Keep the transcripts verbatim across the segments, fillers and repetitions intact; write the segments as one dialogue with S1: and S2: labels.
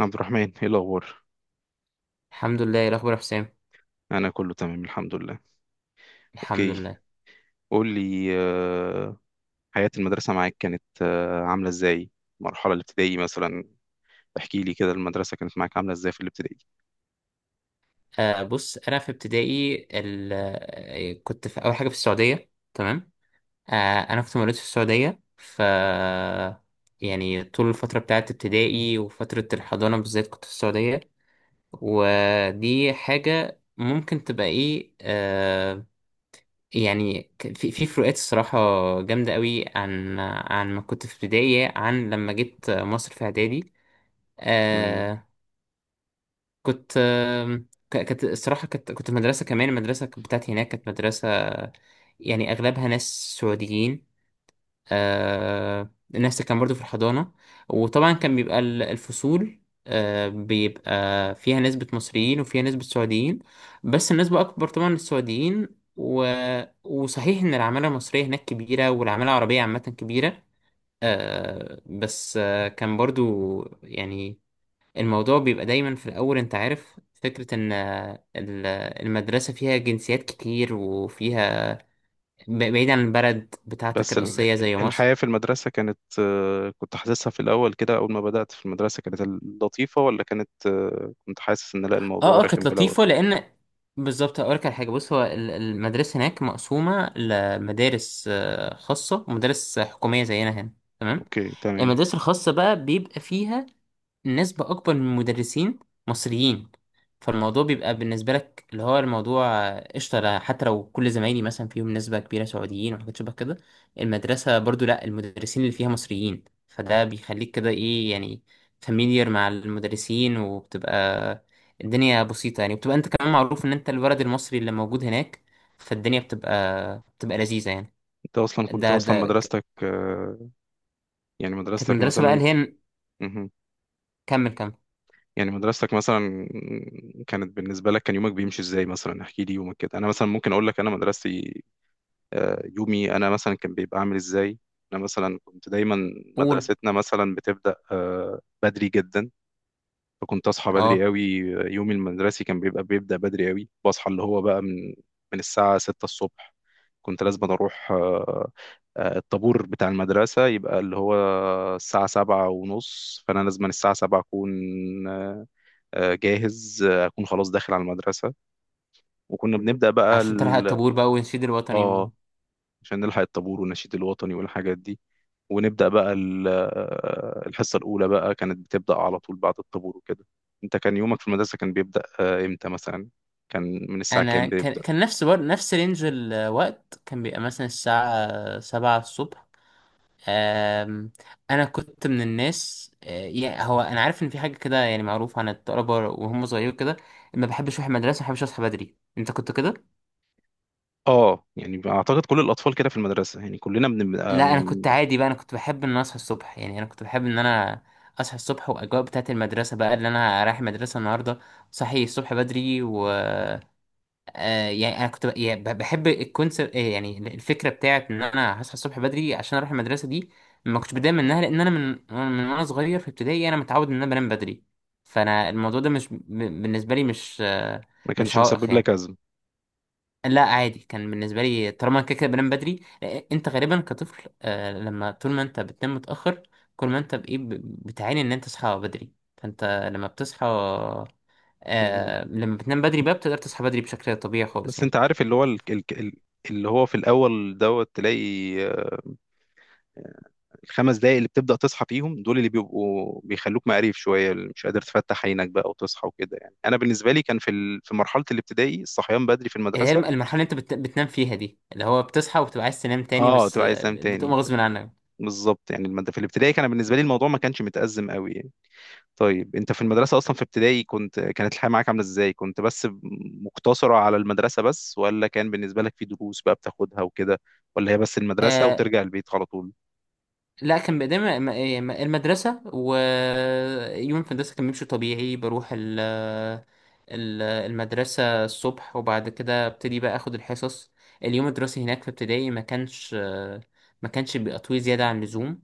S1: عبد الرحمن، ايه الاخبار؟
S2: الحمد لله، ايه الاخبار يا حسام؟
S1: انا كله تمام الحمد لله.
S2: الحمد
S1: اوكي.
S2: لله.
S1: قول لي، آه، حياة المدرسة معاك كانت آه، عاملة ازاي؟ المرحلة الابتدائية مثلا. احكي لي كده، المدرسة كانت معاك عاملة ازاي في الابتدائي؟
S2: آه بص، انا في ابتدائي ال... آه، كنت في اول حاجه في السعوديه. تمام. آه انا كنت مولود في السعوديه. ف يعني طول الفتره بتاعت ابتدائي وفتره الحضانه بالذات كنت في السعوديه. ودي حاجه ممكن تبقى ايه آه يعني ك- في في فروقات الصراحه جامده قوي عن عن ما كنت في ابتدائي، عن لما جيت مصر في اعدادي.
S1: تمام.
S2: آه، كنت آم، ك- كانت الصراحة كنت كنت في مدرسة. كمان المدرسة بتاعتي هناك كانت مدرسة يعني أغلبها ناس سعوديين. آه، الناس اللي كان برضو في الحضانة. وطبعا كان بيبقى ال- الفصول آه، بيبقى فيها نسبة مصريين وفيها نسبة سعوديين، بس النسبة أكبر طبعا للسعوديين و... وصحيح إن العمالة المصرية هناك كبيرة، والعمالة العربية عامة كبيرة. آه، بس آه، كان برضو يعني الموضوع بيبقى دايما في الأول. أنت عارف فكرة إن آه، ال- المدرسة فيها جنسيات كتير وفيها ب- بعيد عن البلد بتاعتك
S1: بس ال-
S2: الأصلية زي مصر.
S1: الحياة في المدرسة كانت، آه، كنت حاسسها في الاول كده، اول ما بدأت في المدرسة كانت لطيفة ولا كانت آه، كنت حاسس ان لا الموضوع
S2: اه اه،
S1: رخم
S2: كانت
S1: في الاول؟
S2: لطيفة، لأن بالظبط هقولك على حاجة. بص، هو ال- المدرسة هناك مقسومة لمدارس آه، خاصة ومدارس حكومية زينا هنا. تمام.
S1: اوكي تمام.
S2: المدارس الخاصة بقى بيبقى فيها نسبة أكبر من المدرسين مصريين فالموضوع بيبقى بالنسبة لك، اللي هو الموضوع آه، قشطة. لا- حتى لو كل زمايلي مثلا فيهم نسبة كبيرة سعوديين وحاجات شبه كده، المدرسة برضو لأ، المدرسين اللي فيها مصريين، فده بيخليك كده إيه يعني فاميليار مع المدرسين، وبتبقى الدنيا بسيطة يعني. بتبقى أنت كمان معروف إن أنت الولد المصري اللي موجود هناك، فالدنيا بتبقى بتبقى لذيذة يعني.
S1: انت اصلا كنت
S2: ده
S1: اصلا
S2: ده ك-
S1: مدرستك، آه، يعني
S2: كانت
S1: مدرستك
S2: مدرسة بقى
S1: مثلا،
S2: اللي هي… كمل كمل
S1: يعني مدرستك مثلا كانت بالنسبة لك، كان يومك بيمشي ازاي؟ مثلا احكي لي يومك كده. انا مثلا ممكن اقول لك انا مدرستي، آه، يومي انا مثلا كان بيبقى عامل ازاي. انا مثلا كنت دايما،
S2: قول.
S1: مدرستنا مثلا بتبدأ آه، بدري جدا، فكنت اصحى بدري
S2: اه،
S1: قوي. يومي المدرسي كان بيبقى بيبدأ بدري قوي، بصحى اللي هو بقى من من الساعة ستة الصبح. كنت لازم اروح، آه، آه، الطابور بتاع المدرسة يبقى اللي هو الساعة سبعة ونص، فأنا لازم الساعة سبعة أكون آه، آه، جاهز، آه، اكون خلاص داخل على المدرسه. وكنا بنبدا بقى
S2: عشان تلحق
S1: ال...
S2: الطابور بقى ونشيد الوطني و...
S1: اه، عشان نلحق الطابور والنشيد الوطني والحاجات دي، ونبدا بقى ال... آه، الحصه الاولى بقى كانت بتبدا على طول بعد الطابور وكده. انت كان يومك في المدرسه كان بيبدا آه، امتى مثلا؟ كان من الساعه كام
S2: انا كان
S1: بيبدا؟
S2: كان نفس بر... نفس رينج الوقت، كان بيبقى مثلا الساعة سبعة الصبح. أم... انا كنت من الناس أه، يعني، هو انا عارف ان في حاجة كده يعني معروفة عن الطلبة وهم صغيرين كده، ما بحبش اروح المدرسة، ما بحبش اصحى بدري. انت كنت كده؟
S1: اه، يعني اعتقد كل الاطفال كده في المدرسه، يعني كلنا بنبقى
S2: لا، انا كنت
S1: م-
S2: عادي بقى. انا كنت بحب ان أنا اصحى الصبح يعني. انا كنت بحب ان انا اصحى الصبح، واجواء بتاعت المدرسة بقى اللي انا رايح المدرسة النهاردة، صحي الصبح بدري و آه يعني انا كنت ب- يعني ب- بحب الكونسبت، يعني الفكره بتاعت ان انا هصحى الصبح بدري عشان اروح المدرسه دي. ما كنتش بتضايق منها، لان انا من من وانا صغير في ابتدائي انا متعود ان انا بنام بدري. فانا الموضوع ده مش ب- بالنسبه لي مش آه،
S1: ما
S2: مش
S1: كانش
S2: عائق
S1: مسبب لك
S2: يعني.
S1: ازمه.
S2: لا عادي، كان بالنسبه لي طالما انا كده كده بنام بدري. آه، انت غالبا كطفل، آه، لما طول ما انت بتنام متاخر، كل ما انت بايه ب- بتعاني ان انت تصحى بدري. فانت لما بتصحى،
S1: مهم.
S2: آه، لما بتنام بدري بقى بتقدر تصحى بدري بشكل طبيعي خالص
S1: بس انت
S2: يعني.
S1: عارف اللي هو ال... ال... ال- اللي هو في الاول دوت تلاقي الخمس دقايق اللي بتبدأ تصحى فيهم دول، اللي بيبقوا بيخلوك مقريف شوية، اللي مش قادر تفتح عينك بقى وتصحى وكده، يعني أنا بالنسبة لي كان في ال... في مرحلة الابتدائي الصحيان بدري في
S2: اللي هي
S1: المدرسة.
S2: الم- المرحلة اللي انت بت... بتنام فيها دي، اللي هو بتصحى وبتبقى عايز تنام تاني،
S1: اه،
S2: بس
S1: تبقى عايز
S2: آه،
S1: تنام
S2: بتقوم
S1: تاني.
S2: غصب عنك.
S1: بالظبط، يعني المد... في الابتدائي كان بالنسبة لي الموضوع ما كانش متأزم قوي يعني. طيب، أنت في المدرسة أصلا في ابتدائي كنت، كانت الحياة معاك عاملة إزاي؟ كنت بس مقتصرة على المدرسة بس، ولا كان بالنسبة لك في دروس بقى بتاخدها وكده، ولا هي بس المدرسة
S2: آه
S1: وترجع البيت على طول؟
S2: لا، كان بقدام الم- إيه، الم- المدرسة. ويوم في المدرسة كان بيمشي طبيعي، بروح ال... ال- المدرسة الصبح وبعد كده ابتدي بقى اخد الحصص. اليوم الدراسي هناك في ابتدائي ما كانش آه، ما كانش بيبقى طويل زيادة عن اللزوم.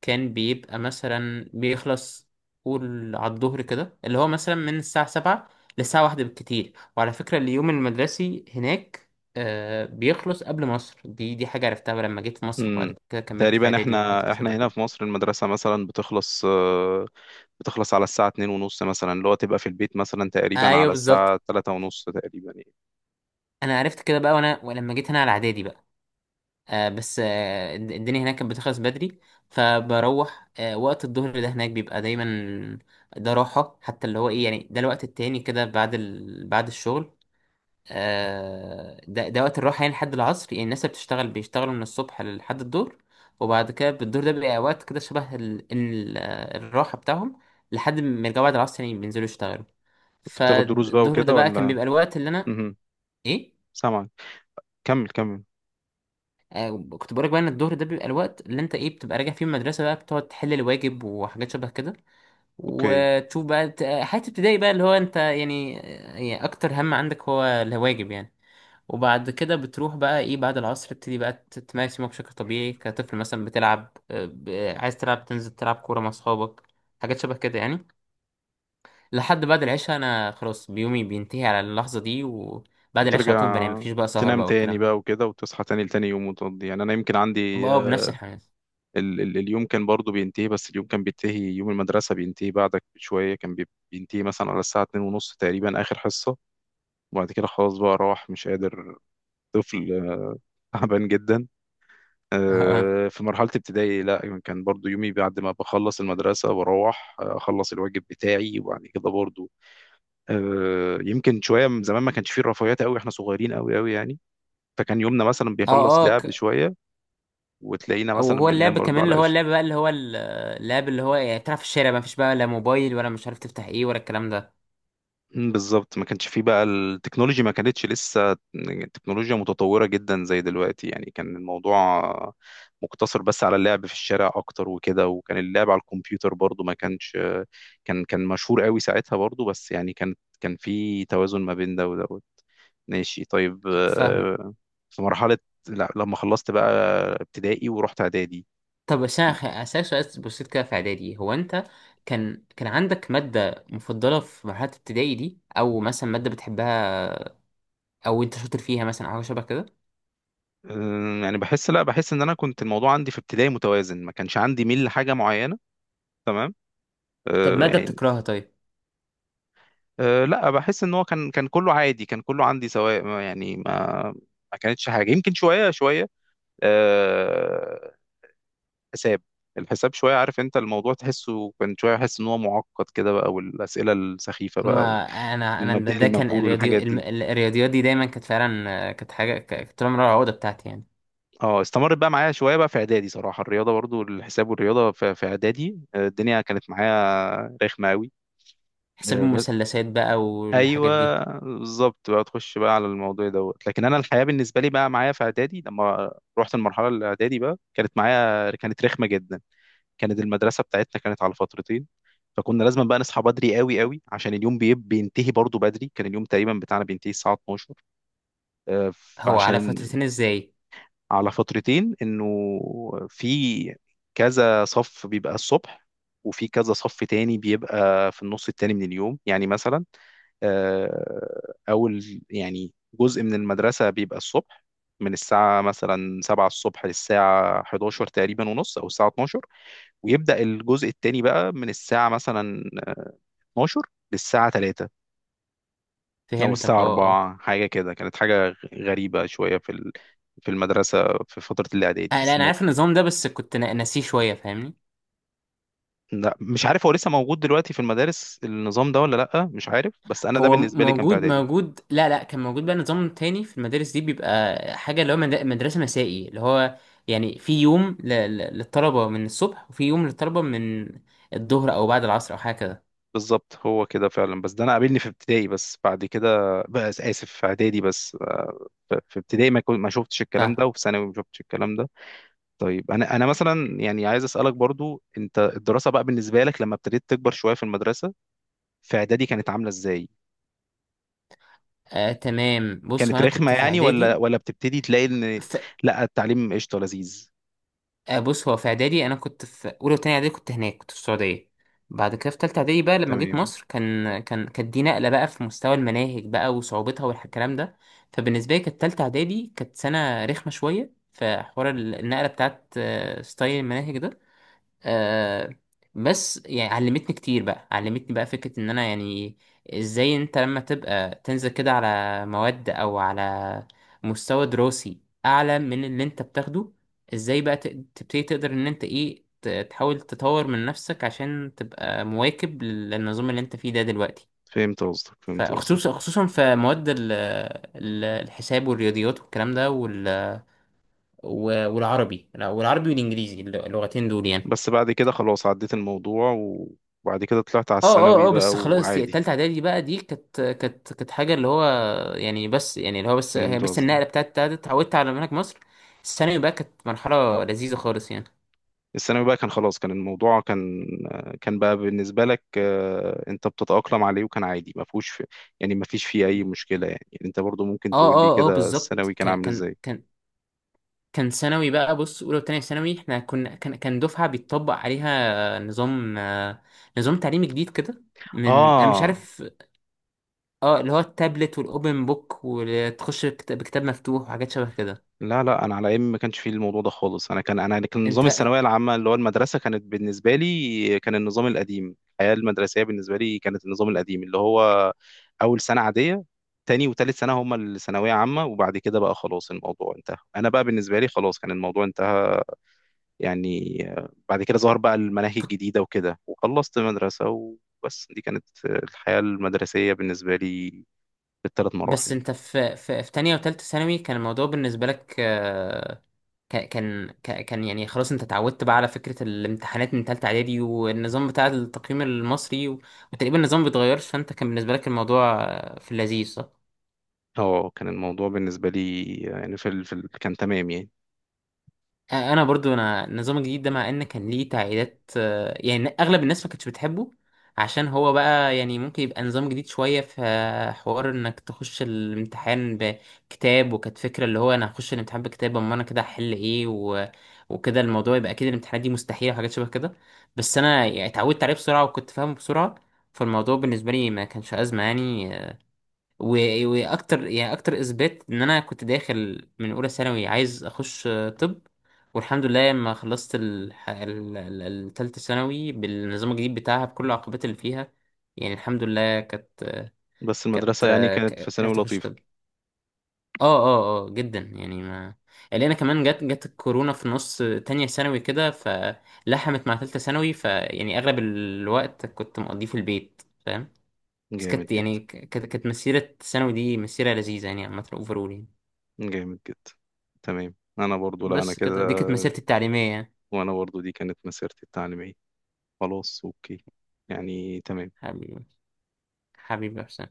S2: كان بيبقى مثلا بيخلص، قول على الظهر كده، اللي هو مثلا من الساعة سبعة للساعة واحدة بالكتير. وعلى فكرة اليوم المدرسي هناك آه بيخلص قبل مصر. دي دي حاجة عرفتها لما جيت في مصر،
S1: امم
S2: وبعد كده كملت في
S1: تقريبا،
S2: إعدادي والحاجات
S1: احنا
S2: اللي شبه
S1: احنا هنا
S2: كده.
S1: في مصر المدرسة مثلا بتخلص، آه، بتخلص على الساعة اتنين ونص مثلا، اللي هو تبقى في البيت مثلا تقريبا
S2: أيوه
S1: على
S2: بالظبط.
S1: الساعة تلاتة ونص تقريبا يعني.
S2: أنا عرفت كده بقى وأنا ولما جيت هنا على إعدادي بقى. آه بس آه الد- الدنيا هناك كانت بتخلص بدري. فبروح آه وقت الظهر ده هناك بيبقى دايما ده راحة حتى، اللي هو إيه يعني، ده الوقت التاني كده بعد ال... بعد الشغل. آه، ده ده وقت الراحة يعني لحد العصر. يعني الناس اللي بتشتغل بيشتغلوا من الصبح لحد الظهر، وبعد كده بالظهر ده بيبقى وقت كده شبه ال... ال... آه، الراحة بتاعهم، لحد ما يرجعوا بعد العصر يعني، بينزلوا يشتغلوا.
S1: كنت بتاخد دروس بقى
S2: فالظهر ده
S1: وكده
S2: بقى كان
S1: ولا؟
S2: بيبقى الوقت اللي أنا
S1: امم
S2: إيه.
S1: سامعك، كمل كمل.
S2: آه، كنت بقولك بقى إن الظهر ده بيبقى الوقت اللي أنت إيه بتبقى راجع فيه من المدرسة بقى، بتقعد تحل الواجب وحاجات شبه كده.
S1: اوكي.
S2: وتشوف بقى ت- حياة ابتدائي بقى، اللي هو أنت يعني، آه، يعني أكتر هم عندك هو الواجب يعني. وبعد كده بتروح بقى ايه، بعد العصر تبتدي بقى ت- تمارس يومك بشكل طبيعي كطفل، مثلا بتلعب، آه، ب- عايز تلعب، تنزل تلعب كورة مع اصحابك، حاجات شبه كده يعني. لحد بعد العشاء، انا خلاص بيومي بينتهي على اللحظة دي، وبعد العشاء على طول
S1: وترجع
S2: بنام. مفيش بقى سهر
S1: تنام
S2: بقى
S1: تاني
S2: والكلام ده.
S1: بقى وكده، وتصحى تاني لتاني يوم وتقضي. يعني انا يمكن عندي،
S2: بقى بنفس
S1: آه،
S2: الحماس.
S1: ال ال اليوم كان برضو بينتهي، بس اليوم كان بينتهي، يوم المدرسة بينتهي بعدك بشوية، كان بي- بينتهي مثلا على الساعة اتنين ونص تقريبا آخر حصة. وبعد كده خلاص بقى راح مش قادر، طفل تعبان جدا.
S2: اه اه
S1: آه، في مرحلة ابتدائي، لا كان برضو يومي بعد ما بخلص المدرسة بروح، آه، أخلص الواجب بتاعي، وبعد كده برضو، آه، يمكن شوية من زمان ما كانش فيه الرفاهيات قوي، احنا صغيرين قوي قوي يعني. فكان يومنا مثلا
S2: اه.
S1: بيخلص،
S2: آه،
S1: لعب
S2: ك-
S1: شوية وتلاقينا مثلا
S2: وهو
S1: بننام
S2: اللعب
S1: برضو
S2: كمان، اللي
S1: على،
S2: هو اللعب بقى اللي هو ال- اللعب، اللي هو يعني تلعب في الشارع بقى، مفيش بقى لا موبايل ولا مش عارف تفتح ايه ولا الكلام ده.
S1: مم، بالظبط ما كانش فيه بقى التكنولوجي، ما كانتش لسه تكنولوجيا متطورة جدا زي دلوقتي، يعني كان الموضوع مقتصر بس على اللعب في الشارع اكتر وكده. وكان اللعب على الكمبيوتر برضو ما كانش، كان كان مشهور قوي ساعتها برضو، بس يعني كان كان في توازن ما بين ده ودوت. ماشي طيب،
S2: فاهمه.
S1: آه، في مرحلة، لا لما خلصت بقى ابتدائي ورحت اعدادي،
S2: طب بس انا خ- هسألك سؤال بسيط كده في اعدادي. هو انت كان كان عندك مادة مفضلة في مرحلة ابتدائي دي، او مثلا مادة بتحبها او انت شاطر فيها مثلا او حاجة شبه كده؟
S1: آه، يعني بحس لا بحس ان انا كنت الموضوع عندي في ابتدائي متوازن، ما كانش عندي ميل لحاجة معينة. تمام.
S2: طب
S1: آه،
S2: مادة
S1: يعني
S2: بتكرهها؟ طيب.
S1: أه، لا بحس ان هو كان كان كله عادي، كان كله عندي سواء، ما- يعني ما ما كانتش حاجه، يمكن شويه شويه. أه، حساب. الحساب شويه، عارف انت الموضوع تحسه كان شويه، احس ان هو معقد كده بقى، والاسئله السخيفه بقى،
S2: ما انا انا ده
S1: المبنيه
S2: ده كان
S1: للمجهول والحاجات
S2: الرياضي الم-
S1: دي.
S2: الرياضيات دي دايما كانت فعلا، آه، كانت حاجة ك- كانت طول عمرها العقدة بتاعتي يعني.
S1: اه، استمرت بقى معايا شويه بقى في اعدادي، صراحه الرياضه برضو، الحساب والرياضه في في اعدادي، آه، الدنيا كانت معايا رخمه
S2: حساب
S1: قوي.
S2: المثلثات بقى والحاجات دي.
S1: ايوه، بالظبط بقى تخش بقى على الموضوع دوت. لكن انا الحياه بالنسبه لي بقى معايا في اعدادي، لما رحت المرحله الاعدادي بقى كانت معايا، كانت رخمه جدا. كانت المدرسه بتاعتنا كانت على فترتين، فكنا لازم بقى نصحى بدري قوي قوي، عشان اليوم بيب- بينتهي برضو بدري. كان اليوم تقريبا بتاعنا بينتهي الساعه اتناشر، آه،
S2: هو على
S1: فعشان
S2: فترتين ازاي؟
S1: على فترتين، انه في كذا صف بيبقى الصبح، وفي كذا صف تاني بيبقى في النص التاني من اليوم. يعني مثلا، آه، اول يعني جزء من المدرسة بيبقى الصبح، من الساعة مثلا سبعة الصبح للساعة احد عشر تقريبا ونص أو الساعة اتناشر، ويبدأ الجزء التاني بقى من الساعة مثلا اثنا عشر للساعة ثلاثة أو
S2: فهمتك،
S1: الساعة
S2: اه اه.
S1: أربعة، حاجة كده، كانت حاجة غريبة شوية في ال- في المدرسة، في فترة الإعدادي
S2: آه، لا
S1: بس.
S2: انا عارف النظام ده، بس كنت نا- ناسيه شوية. فاهمني.
S1: لا مش عارف، هو لسه موجود دلوقتي في المدارس النظام ده ولا لأ؟ مش عارف، بس أنا ده
S2: هو
S1: بالنسبة لي كان في
S2: موجود
S1: إعدادي.
S2: موجود. لا لا، كان موجود بقى نظام تاني في المدارس دي، بيبقى حاجة اللي هو مد- مدرسة مسائي، اللي هو يعني في يوم ل- ل- للطلبة من الصبح، وفي يوم للطلبة من الظهر أو بعد العصر أو حاجة كده.
S1: بالظبط، هو كده فعلا. بس ده أنا قابلني في ابتدائي بس، بعد كده، بس آسف، في إعدادي بس، آه، ف- في ابتدائي ما كنت ما شفتش الكلام
S2: فاهم.
S1: ده، وفي ثانوي ما شفتش الكلام ده. طيب، أنا أنا مثلا يعني عايز أسألك برضو، أنت الدراسة بقى بالنسبة لك لما ابتديت تكبر شوية في المدرسة في إعدادي، كانت عاملة إزاي؟
S2: آه تمام. بص هو
S1: كانت
S2: أنا
S1: رخمة
S2: كنت في
S1: يعني، ولا
S2: إعدادي،
S1: ولا بتبتدي تلاقي إن لأ التعليم قشطة لذيذ؟
S2: آه، بص هو في اعدادي انا كنت في اولى وتانية اعدادي كنت هناك، كنت في السعوديه. بعد كده في تالتة اعدادي بقى لما جيت
S1: تمام.
S2: مصر، كان كان كانت دي نقله بقى في مستوى المناهج بقى وصعوبتها والكلام ده. فبالنسبه لي كانت تالتة اعدادي كانت سنه رخمه شويه، في حوار ال- النقله بتاعت، آه، ستايل المناهج ده. آه بس يعني علمتني كتير بقى، علمتني بقى فكرة ان انا يعني ازاي انت لما تبقى تنزل كده على مواد او على مستوى دراسي اعلى من اللي انت بتاخده، ازاي بقى تق- تبتدي تقدر ان انت ايه ت- تحاول تطور من نفسك عشان تبقى مواكب لل- للنظام اللي انت فيه ده دلوقتي.
S1: فهمت قصدك، فهمت قصدك.
S2: فخصوصا خصوصا في مواد ال- ال- الحساب والرياضيات والكلام ده وال- و- والعربي. لا، والعربي والانجليزي، اللغتين دول يعني.
S1: بس بعد كده خلاص عديت الموضوع، وبعد كده طلعت على
S2: اه
S1: الثانوي
S2: اه اه.
S1: بقى
S2: بس خلاص دي-
S1: وعادي.
S2: التالتة اعدادي بقى دي كانت كانت كانت حاجة اللي هو يعني، بس يعني اللي هو بس هي
S1: فهمت
S2: بس
S1: قصدي.
S2: النقلة بتاعت بتاعت اتعودت على منهج مصر. الثانوي بقى كانت مرحلة لذيذة خالص يعني.
S1: الثانوي بقى كان خلاص، كان الموضوع كان، كان بقى بالنسبة لك، آه، انت بتتأقلم عليه وكان عادي، ما فيهوش في، يعني ما فيش فيه اي مشكلة يعني يعني انت برضو ممكن
S2: اه
S1: تقول لي
S2: اه اه،
S1: كده
S2: بالظبط.
S1: الثانوي كان
S2: كان
S1: عامل
S2: كان
S1: ازاي؟
S2: كان كان ثانوي بقى. بص، اولى وتانية ثانوي احنا كنا كان كان دفعة بيتطبق عليها نظام، آه، نظام تعليمي جديد كده من، انا مش
S1: اه،
S2: عارف. اه، اللي هو التابلت والاوبن بوك، وتخش بكت- بكتاب مفتوح وحاجات شبه كده.
S1: لا لا، انا على ايام ما كانش فيه الموضوع ده خالص. انا كان، انا كان نظام
S2: انت.
S1: الثانويه العامه، اللي هو المدرسه كانت بالنسبه لي كان النظام القديم. الحياه المدرسيه بالنسبه لي كانت النظام القديم، اللي هو اول سنه عاديه، تاني وتالت سنه هما الثانويه عامه، وبعد كده بقى خلاص الموضوع انتهى. انا بقى بالنسبه لي خلاص كان الموضوع انتهى. يعني، آه، بعد كده ظهر بقى المناهج الجديده وكده، وخلصت مدرسه وبس. دي كانت آه، الحياه المدرسيه بالنسبه لي بالثلاث
S2: بس
S1: مراحل.
S2: انت في في، في تانية وتالتة ثانوي كان الموضوع بالنسبة لك آه، ك- كان ك- كان يعني، خلاص انت اتعودت بقى على فكرة الامتحانات من تالتة اعدادي والنظام بتاع التقييم المصري و- وتقريبا النظام بيتغيرش، فانت كان بالنسبة لك الموضوع آه، في اللذيذ صح؟
S1: اه، كان الموضوع بالنسبه لي، آه، يعني في ال... في ال... كان تمام يعني.
S2: آه، انا برضو انا النظام الجديد ده مع ان كان ليه تعقيدات، آه، يعني اغلب الناس ما كانتش بتحبه عشان هو بقى يعني ممكن يبقى نظام جديد شوية، في آه، حوار انك تخش الامتحان بكتاب. وكانت فكرة اللي هو انا هخش الامتحان بكتاب، اما انا كده هحل ايه و... وكده، الموضوع يبقى اكيد الامتحانات دي مستحيلة وحاجات شبه كده. بس انا يعني اتعودت عليه بسرعة وكنت فاهمه بسرعة، فالموضوع بالنسبة لي ما كانش أزمة يعني. و- واكتر يعني اكتر اثبات ان انا كنت داخل من اولى ثانوي عايز اخش آه، طب. والحمد لله، لما خلصت الح- ال- ال- التالتة ثانوي بالنظام الجديد بتاعها بكل العقبات اللي فيها، يعني الحمد لله كانت
S1: بس
S2: كانت
S1: المدرسة يعني
S2: آه،
S1: كانت في
S2: ك-
S1: ثانوي
S2: عرفت اخش
S1: لطيفة.
S2: طب. اه اه اه، جدا يعني. ما اللي انا كمان جت جت الكورونا في نص تانية ثانوي كده، فلحمت مع تالتة ثانوي. فيعني اغلب الوقت كنت مقضيه في البيت، فاهم. بس
S1: جامد
S2: كانت يعني
S1: جدا.
S2: ك- كانت كانت مسيرة ثانوي دي مسيرة لذيذة يعني عامة، اوفرول يعني.
S1: جامد جدا. تمام، انا برضو، لا انا
S2: بس
S1: كده.
S2: كده، دي كانت مسيرتي التعليمية يعني.
S1: وانا برضو دي كانت مسيرتي التعليمية. خلاص اوكي، يعني تمام.
S2: حبيبي. حبيبي يا حسام.